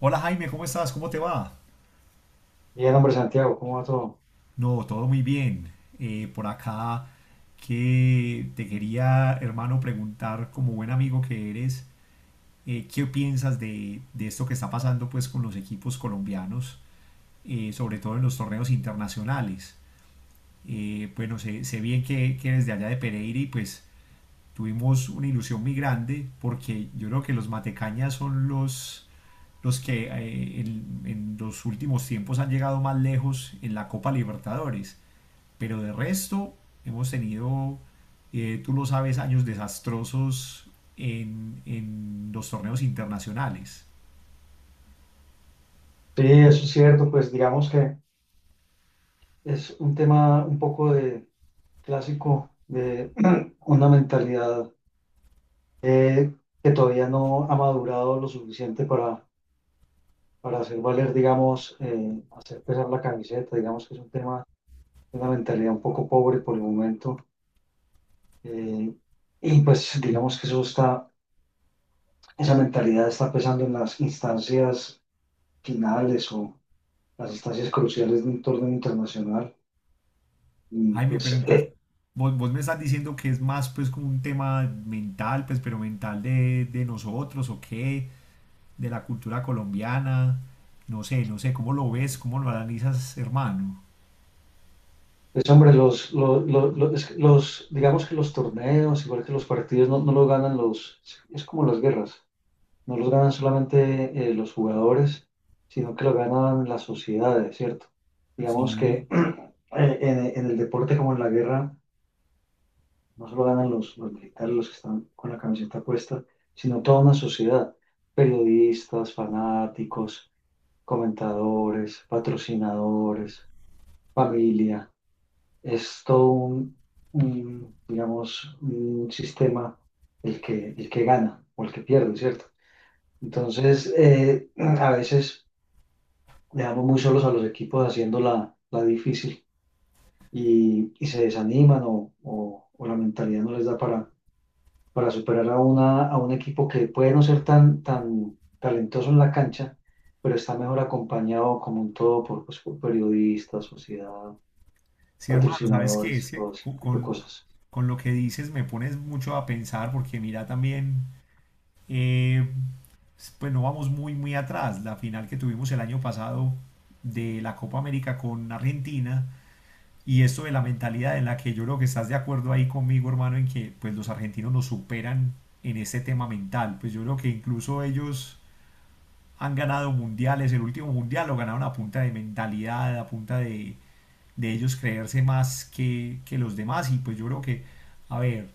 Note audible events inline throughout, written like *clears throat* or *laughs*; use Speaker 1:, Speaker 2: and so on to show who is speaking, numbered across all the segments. Speaker 1: Hola Jaime, ¿cómo estás? ¿Cómo te va?
Speaker 2: Bien, hombre, Santiago, ¿cómo va todo?
Speaker 1: No, todo muy bien. Por acá que te quería, hermano, preguntar como buen amigo que eres, ¿qué piensas de esto que está pasando pues con los equipos colombianos, sobre todo en los torneos internacionales? Sé bien que eres de allá de Pereira y pues tuvimos una ilusión muy grande porque yo creo que los matecañas son los que en los últimos tiempos han llegado más lejos en la Copa Libertadores. Pero de resto, hemos tenido, tú lo sabes, años desastrosos en los torneos internacionales.
Speaker 2: Sí, eso es cierto, pues digamos que es un tema un poco de clásico de *clears throat* una mentalidad eh, que todavía no ha madurado lo suficiente para hacer valer, digamos, hacer pesar la camiseta, digamos que es un tema una mentalidad un poco pobre por el momento. eh, y pues digamos que eso esa mentalidad está pesando en las instancias finales o las instancias cruciales de un torneo internacional. Y
Speaker 1: Jaime, pero
Speaker 2: pues
Speaker 1: entonces
Speaker 2: *clears throat*
Speaker 1: vos me estás diciendo que es más pues como un tema mental, pues pero mental de nosotros o qué, de la cultura colombiana, no sé, no sé, ¿cómo lo ves? ¿Cómo lo analizas, hermano?
Speaker 2: pues hombre, digamos que los torneos, igual que los partidos, no los ganan es como las guerras, no los ganan solamente los jugadores, sino que lo ganan las sociedades, ¿cierto? Digamos
Speaker 1: Sí.
Speaker 2: que *clears throat* en el deporte como en la guerra, no solo ganan los militares, los que están con la camiseta puesta, sino toda una sociedad, periodistas, fanáticos, comentadores, patrocinadores, familia es todo digamos, un sistema el que gana o el que pierde, ¿cierto? Entonces, *clears throat* a veces dejamos muy solos a los equipos haciendo la difícil y se desaniman o la mentalidad no les da para superar a un equipo que puede no ser tan talentoso en la cancha, pero está mejor acompañado como un todo por, pues, por periodistas, sociedad,
Speaker 1: Sí, hermano, ¿sabes qué?
Speaker 2: patrocinadores,
Speaker 1: Es que
Speaker 2: todo ese tipo de cosas.
Speaker 1: con lo que dices me pones mucho a pensar porque mira también, eh, no vamos muy, muy atrás. La final que tuvimos el año pasado de la Copa América con Argentina y esto de la mentalidad en la que yo creo que estás de acuerdo ahí conmigo, hermano, en que pues los argentinos nos superan en este tema mental. Pues yo creo que incluso ellos han ganado mundiales. El último mundial lo ganaron a punta de mentalidad, a punta de ellos creerse más que los demás. Y pues yo creo que, a ver,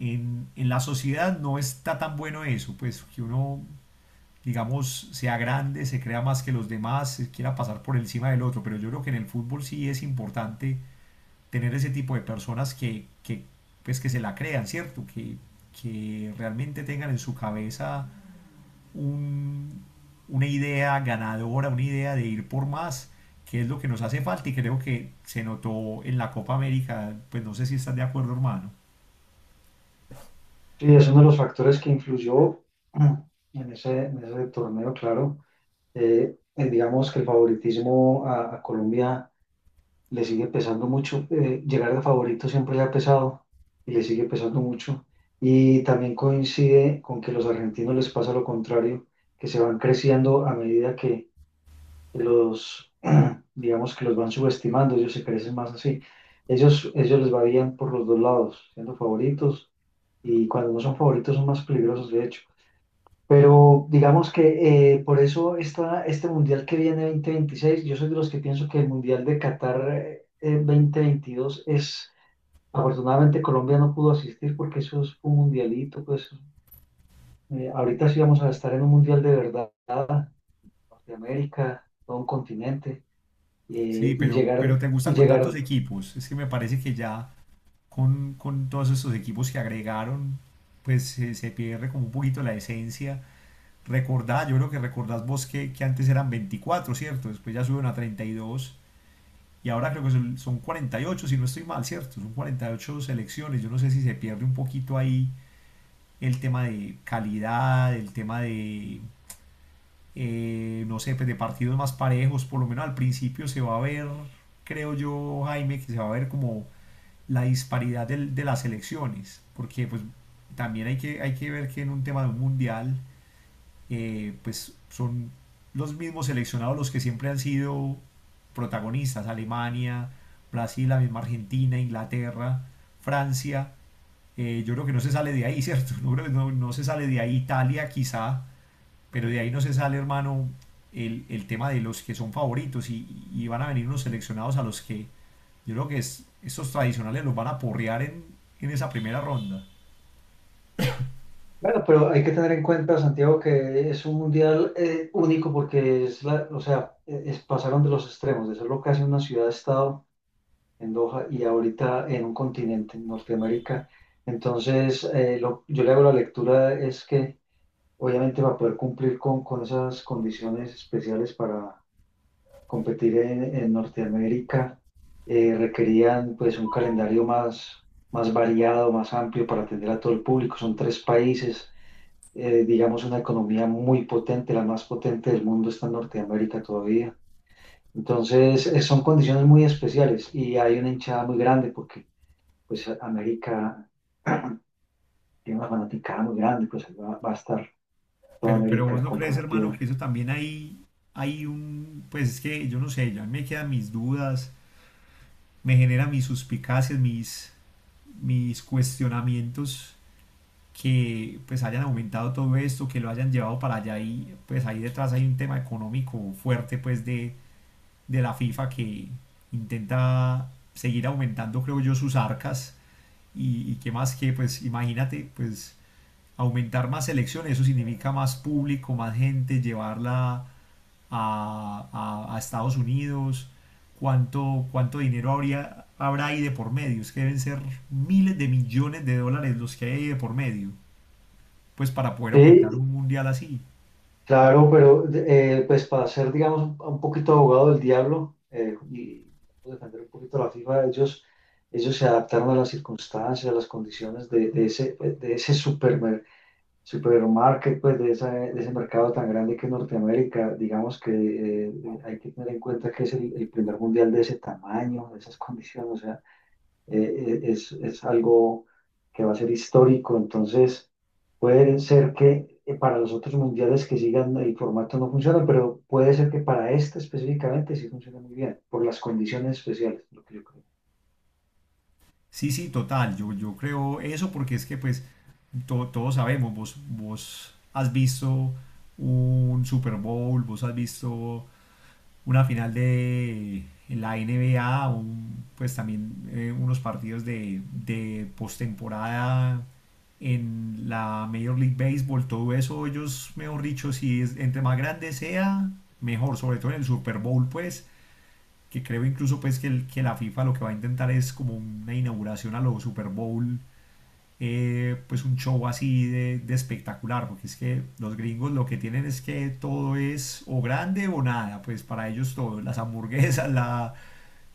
Speaker 1: en la sociedad no está tan bueno eso, pues que uno, digamos, sea grande, se crea más que los demás, se quiera pasar por encima del otro. Pero yo creo que en el fútbol sí es importante tener ese tipo de personas que pues que se la crean, ¿cierto? Que realmente tengan en su cabeza un, una idea ganadora, una idea de ir por más, que es lo que nos hace falta y creo que se notó en la Copa América, pues no sé si estás de acuerdo, hermano.
Speaker 2: Sí, es uno de los factores que influyó en ese torneo, claro. Digamos que el favoritismo a Colombia le sigue pesando mucho. Eh, llegar de favorito siempre le ha pesado y le sigue pesando mucho. Y también coincide con que los argentinos les pasa lo contrario, que se van creciendo a medida que, los, *clears throat* digamos que los van subestimando, ellos se crecen más así. Ellos les va bien por los dos lados, siendo favoritos y cuando no son favoritos son más peligrosos, de hecho. Pero digamos que por eso este mundial que viene 2026, yo soy de los que pienso que el mundial de Qatar 2022 es, afortunadamente Colombia no pudo asistir porque eso es un mundialito, pues ahorita sí vamos a estar en un mundial de verdad, Norteamérica, todo un continente,
Speaker 1: Sí, pero te gusta
Speaker 2: y
Speaker 1: con tantos
Speaker 2: llegar,
Speaker 1: equipos, es que me parece que ya con todos estos equipos que agregaron, pues se pierde como un poquito la esencia. Recordá, yo creo que recordás vos que antes eran 24, ¿cierto? Después ya suben a 32. Y ahora creo que son, son 48, si no estoy mal, ¿cierto? Son 48 selecciones. Yo no sé si se pierde un poquito ahí el tema de calidad, el tema de, no sé, pues de partidos más parejos. Por lo menos al principio se va a ver, creo yo, Jaime, que se va a ver como la disparidad de las selecciones. Porque pues también hay que ver que en un tema de un mundial pues son los mismos seleccionados los que siempre han sido protagonistas, Alemania, Brasil, la misma Argentina, Inglaterra, Francia, yo creo que no se sale de ahí, *laughs* ¿cierto? No, no, no se sale de ahí, Italia quizá, pero de ahí no se sale, hermano, el tema de los que son favoritos y van a venir unos seleccionados a los que yo creo que es, estos tradicionales los van a porrear en esa primera ronda.
Speaker 2: bueno, pero hay que tener en cuenta, Santiago, que es un mundial único porque es la, o sea, pasaron de los extremos, de ser lo que hace una ciudad-estado en Doha y ahorita en un continente, en Norteamérica. Entonces, yo le hago la lectura es que obviamente va a poder cumplir con esas condiciones especiales para competir en Norteamérica. Eh, requerían pues un calendario más variado, más amplio para atender a todo el público. Son tres países, digamos una economía muy potente, la más potente del mundo está en Norteamérica todavía. Entonces, son condiciones muy especiales y hay una hinchada muy grande porque pues América tiene una fanaticada muy grande, pues va a estar toda
Speaker 1: Pero vos
Speaker 2: América
Speaker 1: no crees, hermano,
Speaker 2: comprometida.
Speaker 1: que eso también hay un, pues es que yo no sé, ya me quedan mis dudas, me genera mis suspicacias, mis, mis cuestionamientos que pues hayan aumentado todo esto, que lo hayan llevado para allá y pues ahí detrás hay un tema económico fuerte pues de la FIFA que intenta seguir aumentando, creo yo, sus arcas y qué más que pues imagínate, pues aumentar más elecciones, eso significa más público, más gente, llevarla a Estados Unidos, cuánto, cuánto dinero habría, habrá ahí de por medio, es que deben ser miles de millones de dólares los que hay ahí de por medio, pues para poder aumentar
Speaker 2: Sí,
Speaker 1: un mundial así.
Speaker 2: claro, pero pues para ser, digamos, un poquito abogado del diablo y defender un poquito la FIFA, ellos se adaptaron a las circunstancias, a las condiciones de ese supermarket, pues de ese mercado tan grande que es Norteamérica. Digamos que hay que tener en cuenta que es el primer mundial de ese tamaño, de esas condiciones, o sea es algo que va a ser histórico, entonces puede ser que para los otros mundiales que sigan el formato no funciona pero puede ser que para este específicamente sí funcione muy bien, por las condiciones especiales, lo que yo creo.
Speaker 1: Sí, sí, total, yo creo eso porque es que pues todos sabemos, vos, vos has visto un Super Bowl, vos has visto una final de la N NBA, un- pues también unos partidos de postemporada en la Major League Baseball, todo eso, ellos, mejor dicho, si es, entre más grande sea, mejor, sobre todo en el Super Bowl, pues, que creo incluso pues que la FIFA lo que va a intentar es como una inauguración a los Super Bowl pues un show así de espectacular, porque es que los gringos lo que tienen es que todo es o grande o nada, pues para ellos todo, las hamburguesas, la,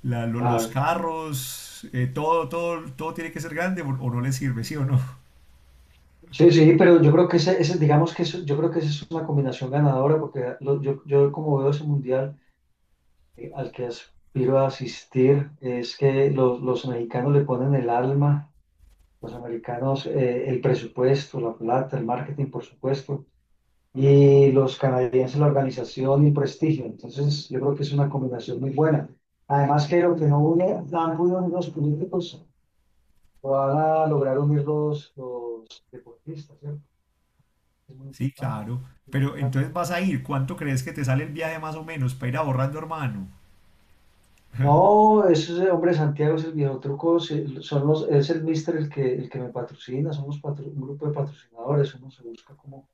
Speaker 1: la- lo- los
Speaker 2: Claro.
Speaker 1: carros, todo, todo, todo tiene que ser grande o no les sirve, ¿sí o no? *laughs*
Speaker 2: Sí, sí, pero yo creo que digamos que yo creo que esa es una combinación ganadora, porque yo como veo ese mundial al que aspiro a asistir, es que los mexicanos le ponen el alma. Los americanos, el presupuesto, la plata, el marketing, por supuesto, y los canadienses, la organización y el prestigio. Entonces, yo creo que es una combinación muy buena. Además, que lo que no une, no han unido los políticos, lo van a lograr unir los deportistas, ¿cierto? Es muy
Speaker 1: Sí,
Speaker 2: importante con
Speaker 1: claro.
Speaker 2: el
Speaker 1: Pero
Speaker 2: americano.
Speaker 1: entonces vas a ir, ¿cuánto crees que te sale el viaje más o menos para ir ahorrando, hermano? *laughs*
Speaker 2: No, ese hombre Santiago es el viejo truco, sí, es el mister el que me patrocina, somos un grupo de patrocinadores, uno se busca cómo,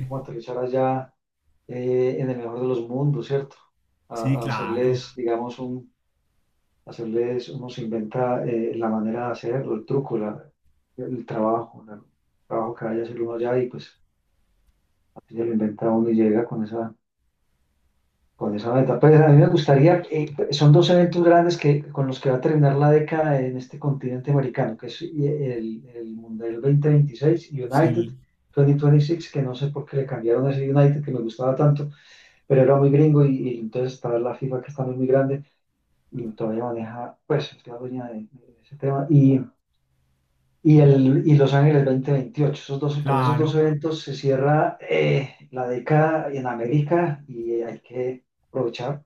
Speaker 2: cómo aterrizar allá en el mejor de los mundos, ¿cierto?
Speaker 1: Sí,
Speaker 2: A
Speaker 1: claro.
Speaker 2: hacerles, digamos, un, hacerles, uno se inventa la manera de hacerlo, el truco, el trabajo, el trabajo que vaya a hacer uno allá y pues así se lo inventa uno y llega con esa meta. Pues a mí me gustaría, son dos eventos grandes que, con los que va a terminar la década en este continente americano, que es el Mundial 2026, United
Speaker 1: Sí,
Speaker 2: 2026, que no sé por qué le cambiaron ese United que me gustaba tanto pero era muy gringo y entonces está la FIFA que es también muy grande y todavía maneja, pues es la dueña de ese tema. Y y Los Ángeles 2028 esos dos, con esos dos
Speaker 1: claro.
Speaker 2: eventos se cierra la década en América y hay que aprovechar.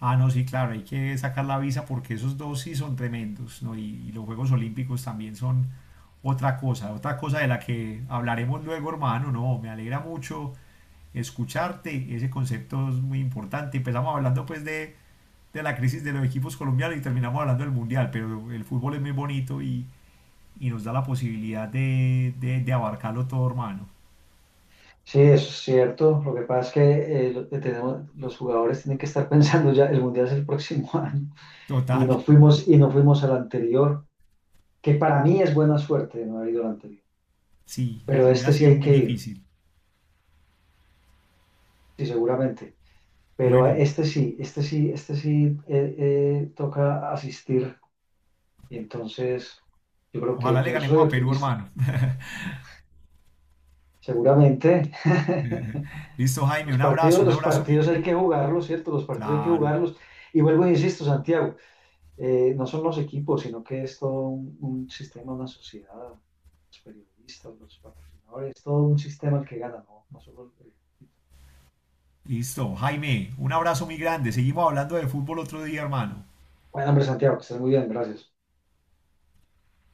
Speaker 1: Ah, no, sí, claro, hay que sacar la visa porque esos dos sí son tremendos, ¿no? Y los Juegos Olímpicos también son otra cosa de la que hablaremos luego, hermano, ¿no? Me alegra mucho escucharte, ese concepto es muy importante. Empezamos hablando pues de la crisis de los equipos colombianos y terminamos hablando del Mundial, pero el fútbol es muy bonito y nos da la posibilidad de abarcarlo todo, hermano.
Speaker 2: Sí, eso es cierto. Lo que pasa es que los jugadores tienen que estar *laughs* pensando ya, el mundial es el próximo *laughs* año
Speaker 1: Total,
Speaker 2: y no fuimos al anterior, que para mí es buena suerte no haber ido al anterior.
Speaker 1: sí,
Speaker 2: Pero
Speaker 1: hubiera
Speaker 2: este sí
Speaker 1: sido
Speaker 2: hay
Speaker 1: muy
Speaker 2: que ir,
Speaker 1: difícil.
Speaker 2: sí, seguramente. Pero a
Speaker 1: Bueno,
Speaker 2: este sí, este sí, este sí toca asistir. Y entonces yo creo que
Speaker 1: ojalá le
Speaker 2: yo soy
Speaker 1: ganemos a Perú,
Speaker 2: optimista.
Speaker 1: hermano. *laughs*
Speaker 2: Seguramente.
Speaker 1: *laughs*
Speaker 2: *laughs*
Speaker 1: Listo, Jaime,
Speaker 2: Los partidos,
Speaker 1: un
Speaker 2: los
Speaker 1: abrazo muy
Speaker 2: partidos hay
Speaker 1: grande.
Speaker 2: que jugarlos, ¿cierto? Los partidos hay que
Speaker 1: Claro.
Speaker 2: jugarlos. Y vuelvo e insisto, Santiago, no son los equipos, sino que es todo un sistema, una sociedad, los periodistas, los patrocinadores, todo un sistema el que gana, ¿no? No solo el-
Speaker 1: Listo, Jaime, un abrazo muy grande. Seguimos hablando de fútbol otro día, hermano.
Speaker 2: Bueno, hombre, Santiago, que estés muy bien, gracias.